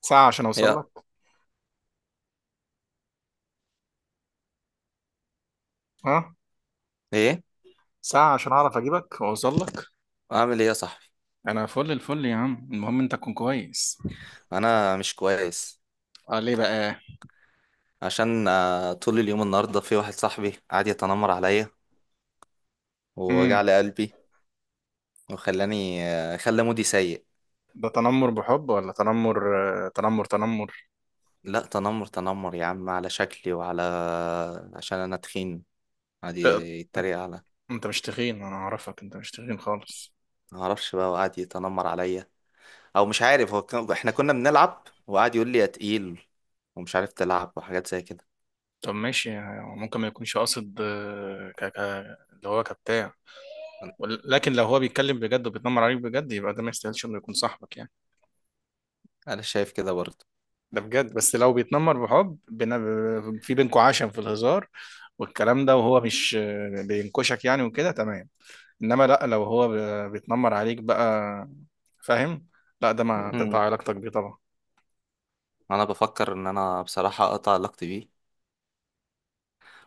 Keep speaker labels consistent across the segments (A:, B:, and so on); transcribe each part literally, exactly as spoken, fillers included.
A: ساعة عشان أوصل
B: يا،
A: لك. ها.
B: ايه.
A: ساعة عشان أعرف أجيبك وأوصل لك.
B: اعمل ايه يا صاحبي؟
A: أنا فل الفل يا عم، المهم أنت تكون كويس.
B: انا مش كويس.
A: أه، ليه بقى؟
B: عشان آه، طول اليوم النهارده في واحد صاحبي قعد يتنمر عليا ووجع
A: امم.
B: لي قلبي، وخلاني آه، خلى مودي سيء.
A: ده تنمر بحب ولا تنمر؟ آه، تنمر تنمر.
B: لا تنمر تنمر يا عم على شكلي وعلى، عشان انا تخين، قعد
A: آه،
B: يتريق على.
A: أنت مش تخين، أنا أعرفك، أنت مش تخين خالص.
B: ما اعرفش بقى، وقعد يتنمر عليا. او مش عارف هو كان... احنا كنا بنلعب وقعد يقول لي يا تقيل ومش عارف تلعب وحاجات زي كده.
A: طب ماشي، يعني ممكن ما يكونش قاصد، آه، ك... ك... اللي هو كبتاع. ول- لكن لو هو بيتكلم بجد وبيتنمر عليك بجد، يبقى ده ما يستاهلش إنه يكون صاحبك يعني.
B: انا شايف كده برضه.
A: ده بجد، بس لو بيتنمر بحب بن... في بينكوا عشم في الهزار والكلام ده، وهو مش بينكشك يعني، وكده تمام. انما لا، لو هو ب- بيتنمر عليك بقى، فاهم. لا ده ما مم. تقطع
B: مم.
A: علاقتك بيه طبعا.
B: انا بفكر ان انا بصراحة اقطع علاقتي بيه،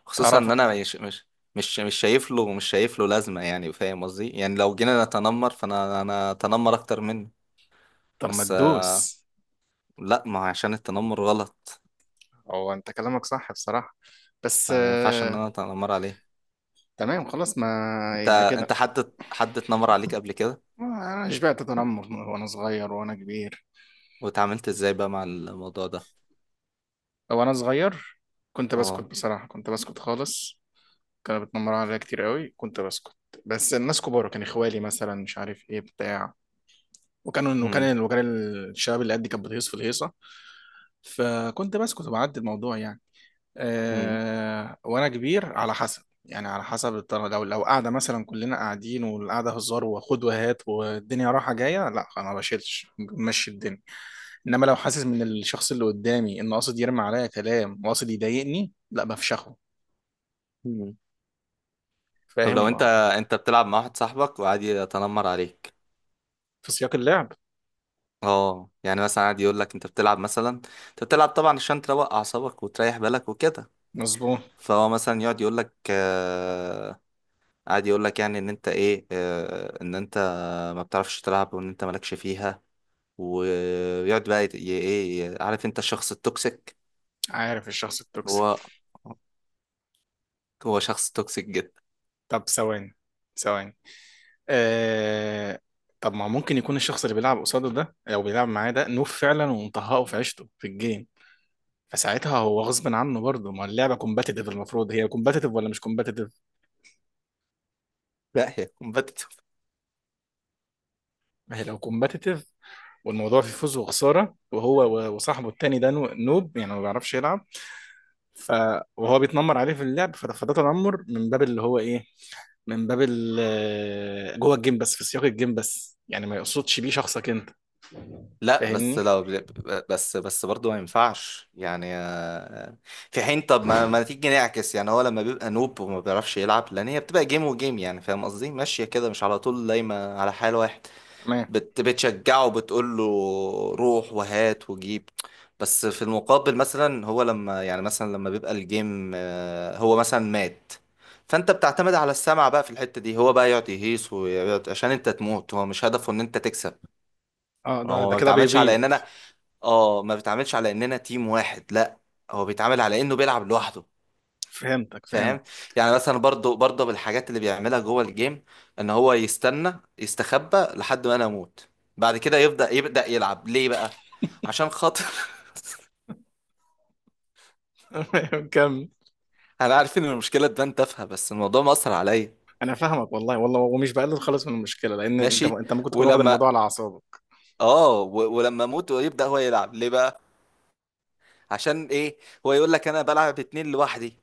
B: خصوصا
A: تعرف.
B: ان انا مش مش مش مش شايف له مش شايف له لازمه. يعني فاهم قصدي، يعني لو جينا نتنمر فانا انا اتنمر اكتر منه.
A: طب، ما
B: بس آه،
A: تدوس.
B: لا، ما هو عشان التنمر غلط.
A: هو انت كلامك صح بصراحة، بس
B: فما ينفعش ان
A: آه،
B: انا اتنمر عليه.
A: تمام خلاص، ما.
B: انت
A: يبقى
B: انت
A: كده.
B: حد حد اتنمر عليك قبل كده؟
A: انا شبعت تنمر وانا صغير وانا كبير.
B: واتعاملت ازاي بقى مع الموضوع ده؟
A: وانا صغير، كنت بسكت
B: اه.
A: بصراحة، كنت بسكت خالص. كانوا بيتنمروا عليا كتير قوي، كنت بسكت. بس الناس كبار، كان اخوالي مثلا مش عارف ايه بتاع، وكانوا
B: امم.
A: وكان وكان الشباب اللي قدي كانت بتهيص في الهيصه، فكنت بسكت وبعدي الموضوع يعني.
B: امم.
A: أه، وانا كبير على حسب، يعني على حسب الطريقة، لو لو قاعدة مثلا كلنا قاعدين والقعدة هزار وخد وهات والدنيا رايحة جاية، لا أنا ما بشيلش، ماشي الدنيا. إنما لو حاسس من الشخص اللي قدامي إنه قاصد يرمي عليا كلام وقاصد يضايقني، لا، بفشخه.
B: امم. طب لو انت
A: فاهم.
B: انت بتلعب مع واحد صاحبك وقعد يتنمر عليك.
A: في سياق اللعب.
B: اه يعني مثلا قاعد يقول لك انت بتلعب مثلا، انت بتلعب طبعا عشان تروق اعصابك وتريح بالك وكده.
A: مظبوط.
B: فهو مثلا يقعد يقول لك آه قاعد يقول لك يعني ان انت ايه آه ان انت ما بتعرفش تلعب، وان انت مالكش فيها. ويقعد بقى يت- ي- ايه، عارف انت الشخص التوكسيك.
A: عارف الشخص التوكسيك.
B: هو هو شخص توكسيك جدا.
A: طب، ثواني. ثواني. آه... طب ما ممكن يكون الشخص اللي بيلعب قصاده ده او بيلعب معاه ده نوب فعلا، ومطهقه في عيشته في الجيم. فساعتها هو غصب عنه برضه، ما اللعبه كومباتيتيف، المفروض هي كومباتيتيف ولا مش كومباتيتيف.
B: لا، هي كومبتيتيف.
A: ما هي لو كومباتيتيف، والموضوع فيه فوز وخساره، وهو و- وصاحبه التاني ده نو- نوب، يعني ما بيعرفش يلعب. ف، وهو بيتنمر عليه في اللعب، فده فده تنمر من باب اللي هو ايه. من باب ال- جوه الجيم بس، في سياق الجيم بس، يعني ما يقصدش بيه شخصك انت.
B: لا بس
A: فاهمني.
B: لو، بس بس برضه ما ينفعش يعني آه، آه، في حين. طب ما, ما تيجي نعكس، يعني هو لما بيبقى نوب وما بيعرفش يلعب لان هي بتبقى جيم، وجيم يعني فاهم قصدي ماشية كده، مش على طول دايما على حال واحد.
A: تمام.
B: بت بتشجعه، بتقول له روح وهات وجيب. بس في المقابل مثلا، هو لما يعني مثلا لما بيبقى الجيم آه، هو مثلا مات، فانت بتعتمد على السمع بقى في الحتة دي. هو بقى يقعد يهيص ويقعد عشان انت تموت، هو مش هدفه ان انت تكسب.
A: اه، ده
B: هو
A: ده
B: ما
A: كده
B: بيتعاملش على
A: بيبيض.
B: اننا، اه، ما بيتعاملش على اننا تيم واحد، لا. هو بيتعامل على انه بيلعب لوحده.
A: فهمتك
B: فاهم.
A: فهمت.
B: يعني مثلا برضو برضو بالحاجات اللي بيعملها جوه الجيم، ان هو يستنى يستخبى لحد ما انا اموت، بعد كده يبدأ يبدأ يلعب ليه بقى عشان خاطر.
A: كمل.
B: انا عارف ان المشكلة تبان تافهة، بس الموضوع مأثر عليا.
A: انا فاهمك والله والله، ومش بقلل خالص من المشكله، لان انت
B: ماشي.
A: انت ممكن تكون واخد الموضوع
B: ولما
A: على اعصابك.
B: اه و- ولما اموت ويبدأ هو يلعب ليه بقى؟ عشان ايه؟ هو يقول لك انا بلعب اتنين لوحدي.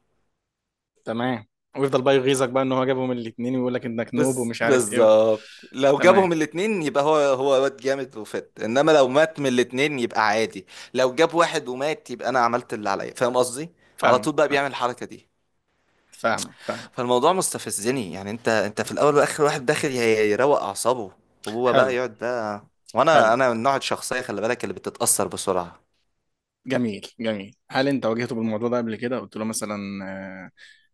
A: تمام. ويفضل بقى يغيظك بقى ان هو جابهم الاثنين ويقول لك انك نوب
B: بز...
A: ومش عارف ايه و...
B: بالظبط، لو
A: تمام.
B: جابهم الاتنين يبقى هو هو واد جامد وفت. انما لو مات من الاتنين يبقى عادي. لو جاب واحد ومات، يبقى انا عملت اللي عليا، فاهم قصدي. على
A: فاهمك
B: طول بقى
A: فاهمك.
B: بيعمل الحركة دي.
A: فاهمك فاهم.
B: فالموضوع مستفزني يعني، انت انت في الاول واخر واحد داخل ي- يروق اعصابه، وهو بقى
A: حلو.
B: يقعد بقى.
A: حلو،
B: وانا انا من نوع الشخصية، خلي بالك، اللي بتتأثر بسرعة.
A: جميل جميل، هل انت واجهته بالموضوع ده قبل كده؟ قلت له مثلا، آه،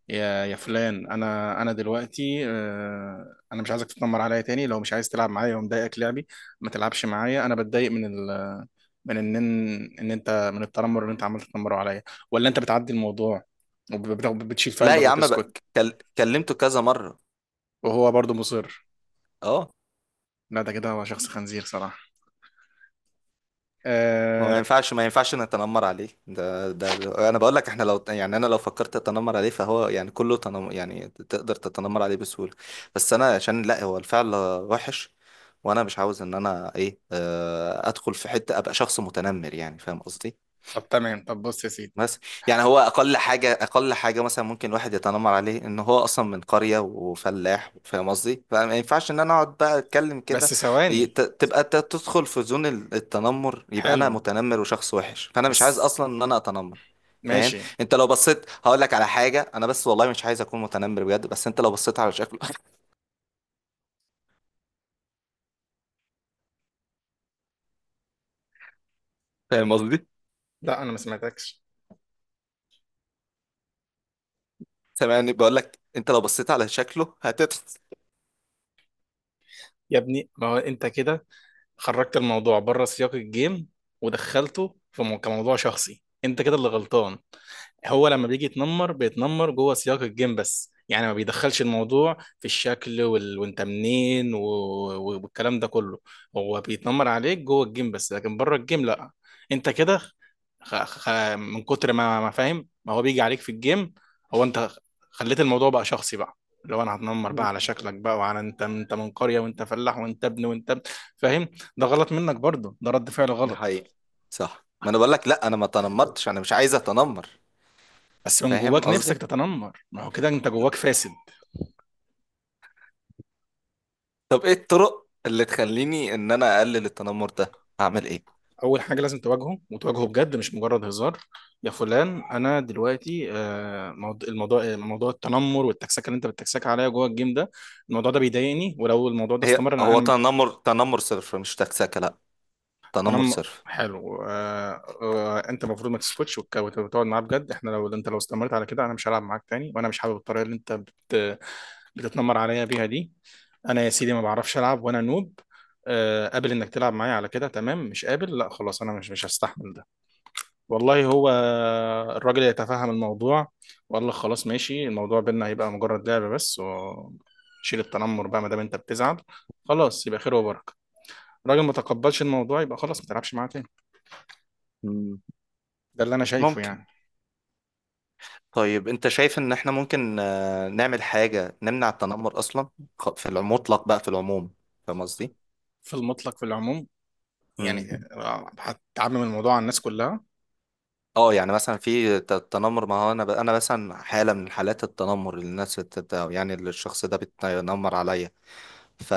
A: يا يا فلان، انا انا دلوقتي آه، انا مش عايزك تتنمر عليا تاني، لو مش عايز تلعب معايا ومضايقك لعبي، ما تلعبش معايا. انا بتضايق من ال... من ان ان انت من التنمر اللي انت عمال تتنمره عليا، ولا انت بتعدي الموضوع، وبت- بتشيل في
B: لا
A: قلبك
B: يا عم بقى،
A: وتسكت،
B: كل... كلمته كذا مرة.
A: وهو برضه مصر؟
B: اه.
A: لا، ده كده هو شخص خنزير صراحة.
B: ما
A: آه...
B: ينفعش، ما ينفعش نتنمر عليه. ده ده انا بقول لك احنا، لو يعني انا لو فكرت اتنمر عليه فهو يعني كله تنم يعني تقدر تتنمر عليه بسهوله. بس انا عشان لا، هو الفعل وحش، وانا مش عاوز ان انا ايه آه، ادخل في حته ابقى شخص متنمر، يعني فاهم قصدي.
A: طب تمام، طب بص يا سيدي.
B: بس. يعني هو اقل حاجه اقل حاجه مثلا، ممكن الواحد يتنمر عليه ان هو اصلا من قريه وفلاح، فاهم قصدي، فما ينفعش ان انا اقعد بقى اتكلم كده.
A: بس
B: ي-
A: ثواني.
B: ت- تبقى ت- تدخل في زون ال- التنمر، يبقى انا
A: حلو.
B: متنمر وشخص وحش، فانا مش عايز
A: بس.
B: اصلا ان انا اتنمر. فاهم.
A: ماشي.
B: انت لو بصيت هقول لك على حاجه، انا بس والله مش عايز اكون متنمر بجد، بس انت لو بصيت على شكله. فاهم قصدي.
A: لا، انا ما سمعتكش.
B: سامعني؟ بقول لك انت لو بصيت على شكله هتت
A: يا ابني، ما هو انت كده، خرجت الموضوع بره سياق الجيم، ودخلته في مو- كموضوع شخصي، انت كده اللي غلطان. هو لما بيجي يتنمر، بيتنمر جوه سياق الجيم بس، يعني ما بيدخلش الموضوع في الشكل وال... وانت منين و... و- والكلام ده كله. هو بيتنمر عليك جوه الجيم بس، لكن بره الجيم لا. انت كده. خ... خ... من كتر ما ما فاهم ما هو بيجي عليك في الجيم، هو انت خليت الموضوع بقى شخصي بقى. لو انا هتنمر بقى على شكلك بقى، وعلى انت انت من قرية، وانت فلاح، وانت ابن وانت ابن. فاهم. ده غلط منك برضه، ده رد فعل
B: ده
A: غلط.
B: حقيقي. صح، ما انا بقول لك لا، انا ما تنمرتش، انا مش عايز اتنمر.
A: بس من
B: فاهم
A: جواك نفسك
B: قصدي.
A: تتنمر، ما هو كده انت جواك فاسد.
B: طب ايه الطرق اللي تخليني ان انا اقلل التنمر ده؟ هعمل ايه؟
A: اول حاجه لازم تواجهه وتواجهه بجد، مش مجرد هزار. يا فلان، انا دلوقتي آه، موض- الموضوع آه، موضوع التنمر والتكسكه اللي انت بتتكسك عليا جوه الجيم ده، الموضوع ده بيضايقني، ولو الموضوع ده
B: هي
A: استمر انا
B: هو
A: انا.
B: تنمر تنمر صرف، مش تكسكه، لا. تنمر
A: انا،
B: صرف.
A: حلو، آه آه انت المفروض ما تسكتش، وتك- وت- وتقعد معاه بجد، احنا لو انت لو استمرت على كده، انا مش هلعب معاك تاني، وانا مش حابب الطريقه اللي انت بت بتتنمر عليا بيها دي. انا يا سيدي، ما بعرفش العب وانا نوب. آه، قابل انك تلعب معايا على كده، تمام. مش قابل، لا خلاص، انا مش مش هستحمل ده. والله، هو الراجل يتفهم الموضوع، وقال لك خلاص ماشي، الموضوع بينا هيبقى مجرد لعبة بس، وشيل التنمر بقى ما دام انت بتزعل، خلاص يبقى خير وبركة. الراجل ما تقبلش الموضوع، يبقى خلاص ما تلعبش معاه تاني.
B: مم.
A: ده اللي انا شايفه
B: ممكن.
A: يعني.
B: طيب انت شايف ان احنا ممكن آه، نعمل حاجة نمنع التنمر اصلا، خ- في المطلق بقى، في العموم، فاهم قصدي؟
A: في المطلق، في العموم.
B: مم.
A: يعني آه، هتعمم الموضوع على الناس كلها؟
B: اه يعني مثلا في ت- التنمر، ما هو انا ب... انا مثلا حالة من حالات التنمر اللي الناس بتت... يعني اللي الشخص ده بيتنمر عليا. ف...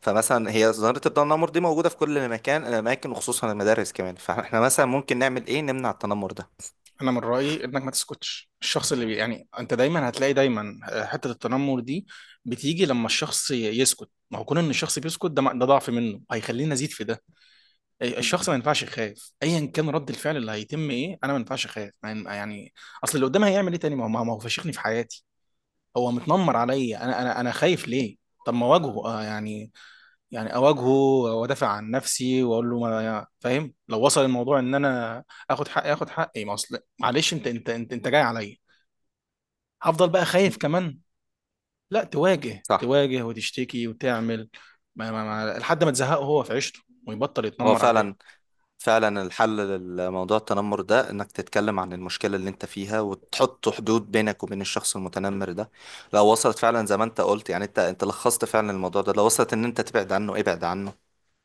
B: فمثلا هي ظاهرة الضوء النمر دي موجودة في كل مكان الأماكن، وخصوصا المدارس كمان. فاحنا مثلا ممكن نعمل إيه نمنع التنمر ده؟
A: انا من رايي انك ما تسكتش، الشخص اللي بي... يعني انت دايما هتلاقي دايما آه، حته التنمر دي، بتيجي لما الشخص ي- يسكت. ما هو كون ان الشخص بيسكت ده ده ضعف منه، هيخليني ازيد في ده. الشخص ما ينفعش يخاف، ايا كان رد الفعل اللي هيتم ايه، انا ما ينفعش اخاف ما ين- يعني، اصل اللي قدام هيعمل ايه تاني، ما هو ما هو فشخني في حياتي. هو متنمر عليا انا، انا انا خايف ليه؟ طب، ما واجهه آه يعني. يعني اواجهه وادافع عن نفسي واقول له، ما يعني، فاهم لو وصل الموضوع ان انا اخد حقي اخد حقي، ما اصل معلش انت انت انت انت جاي عليا، هفضل بقى خايف كمان؟ لا، تواجه
B: صح.
A: تواجه وتشتكي وتعمل ما ما ما لحد ما تزهقه هو في عيشته، ويبطل
B: هو
A: يتنمر عليه.
B: فعلا، فعلا الحل لموضوع التنمر ده انك تتكلم عن المشكلة اللي انت فيها وتحط حدود بينك وبين الشخص المتنمر ده. لو وصلت فعلا زي ما انت قلت، يعني انت انت لخصت فعلا الموضوع ده، لو وصلت ان انت تبعد عنه ابعد عنه.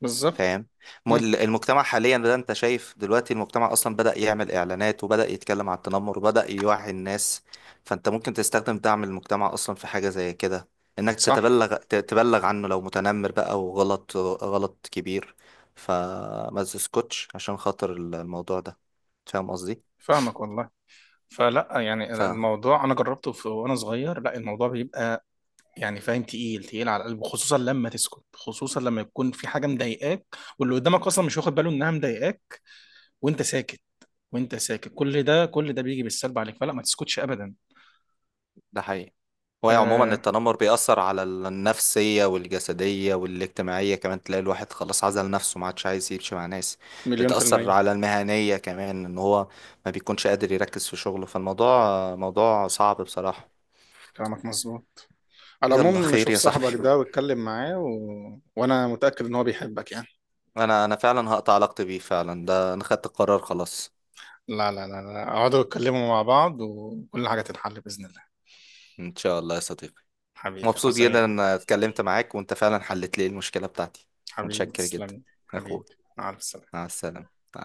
A: بالظبط.
B: فاهم. م-
A: مم.
B: المجتمع حاليا ده، انت شايف دلوقتي المجتمع اصلا بدأ يعمل اعلانات وبدأ يتكلم عن التنمر وبدأ يوعي الناس. فانت ممكن تستخدم دعم المجتمع اصلا في حاجة زي كده، انك
A: صح.
B: تتبلغ ت- تبلغ عنه لو متنمر بقى، وغلط غلط كبير. فما تسكتش عشان خاطر الموضوع ده، فاهم قصدي.
A: فاهمك والله. فلا، يعني الموضوع انا جربته في وانا صغير، لا الموضوع بيبقى، يعني فاهم، تقيل تقيل على القلب، خصوصا لما تسكت، خصوصا لما يكون في حاجه مضايقاك، واللي قدامك اصلا مش واخد باله انها مضايقاك، وانت ساكت، وانت ساكت، كل ده كل ده بيجي بالسلب عليك، فلا، ما تسكتش ابدا.
B: ده حقيقي. هو عموما
A: آه،
B: التنمر بيأثر على النفسية والجسدية والاجتماعية كمان، تلاقي الواحد خلاص عزل نفسه، ما عادش عايز يمشي مع ناس.
A: مليون في
B: بتأثر
A: المية.
B: على المهنية كمان، ان هو ما بيكونش قادر يركز في شغله، فالموضوع موضوع صعب بصراحة.
A: كلامك مظبوط. على
B: يلا
A: العموم،
B: خير
A: شوف
B: يا
A: صاحبك
B: صاحبي.
A: ده واتكلم معاه و... وانا متأكد ان هو بيحبك يعني.
B: انا انا فعلا هقطع علاقتي بيه فعلا، ده انا خدت القرار خلاص.
A: لا، لا، لا، لا، اقعدوا اتكلموا مع بعض، وكل حاجة تتحل بإذن الله.
B: ان شاء الله يا صديقي.
A: حبيبي،
B: مبسوط
A: هتعوز
B: جدا
A: ايه؟
B: ان اتكلمت معاك، وانت فعلا حلت لي المشكلة بتاعتي.
A: حبيبي،
B: متشكر
A: تسلم
B: جدا.
A: لي.
B: يا اخوي.
A: حبيبي. مع السلامة.
B: مع السلامة. مع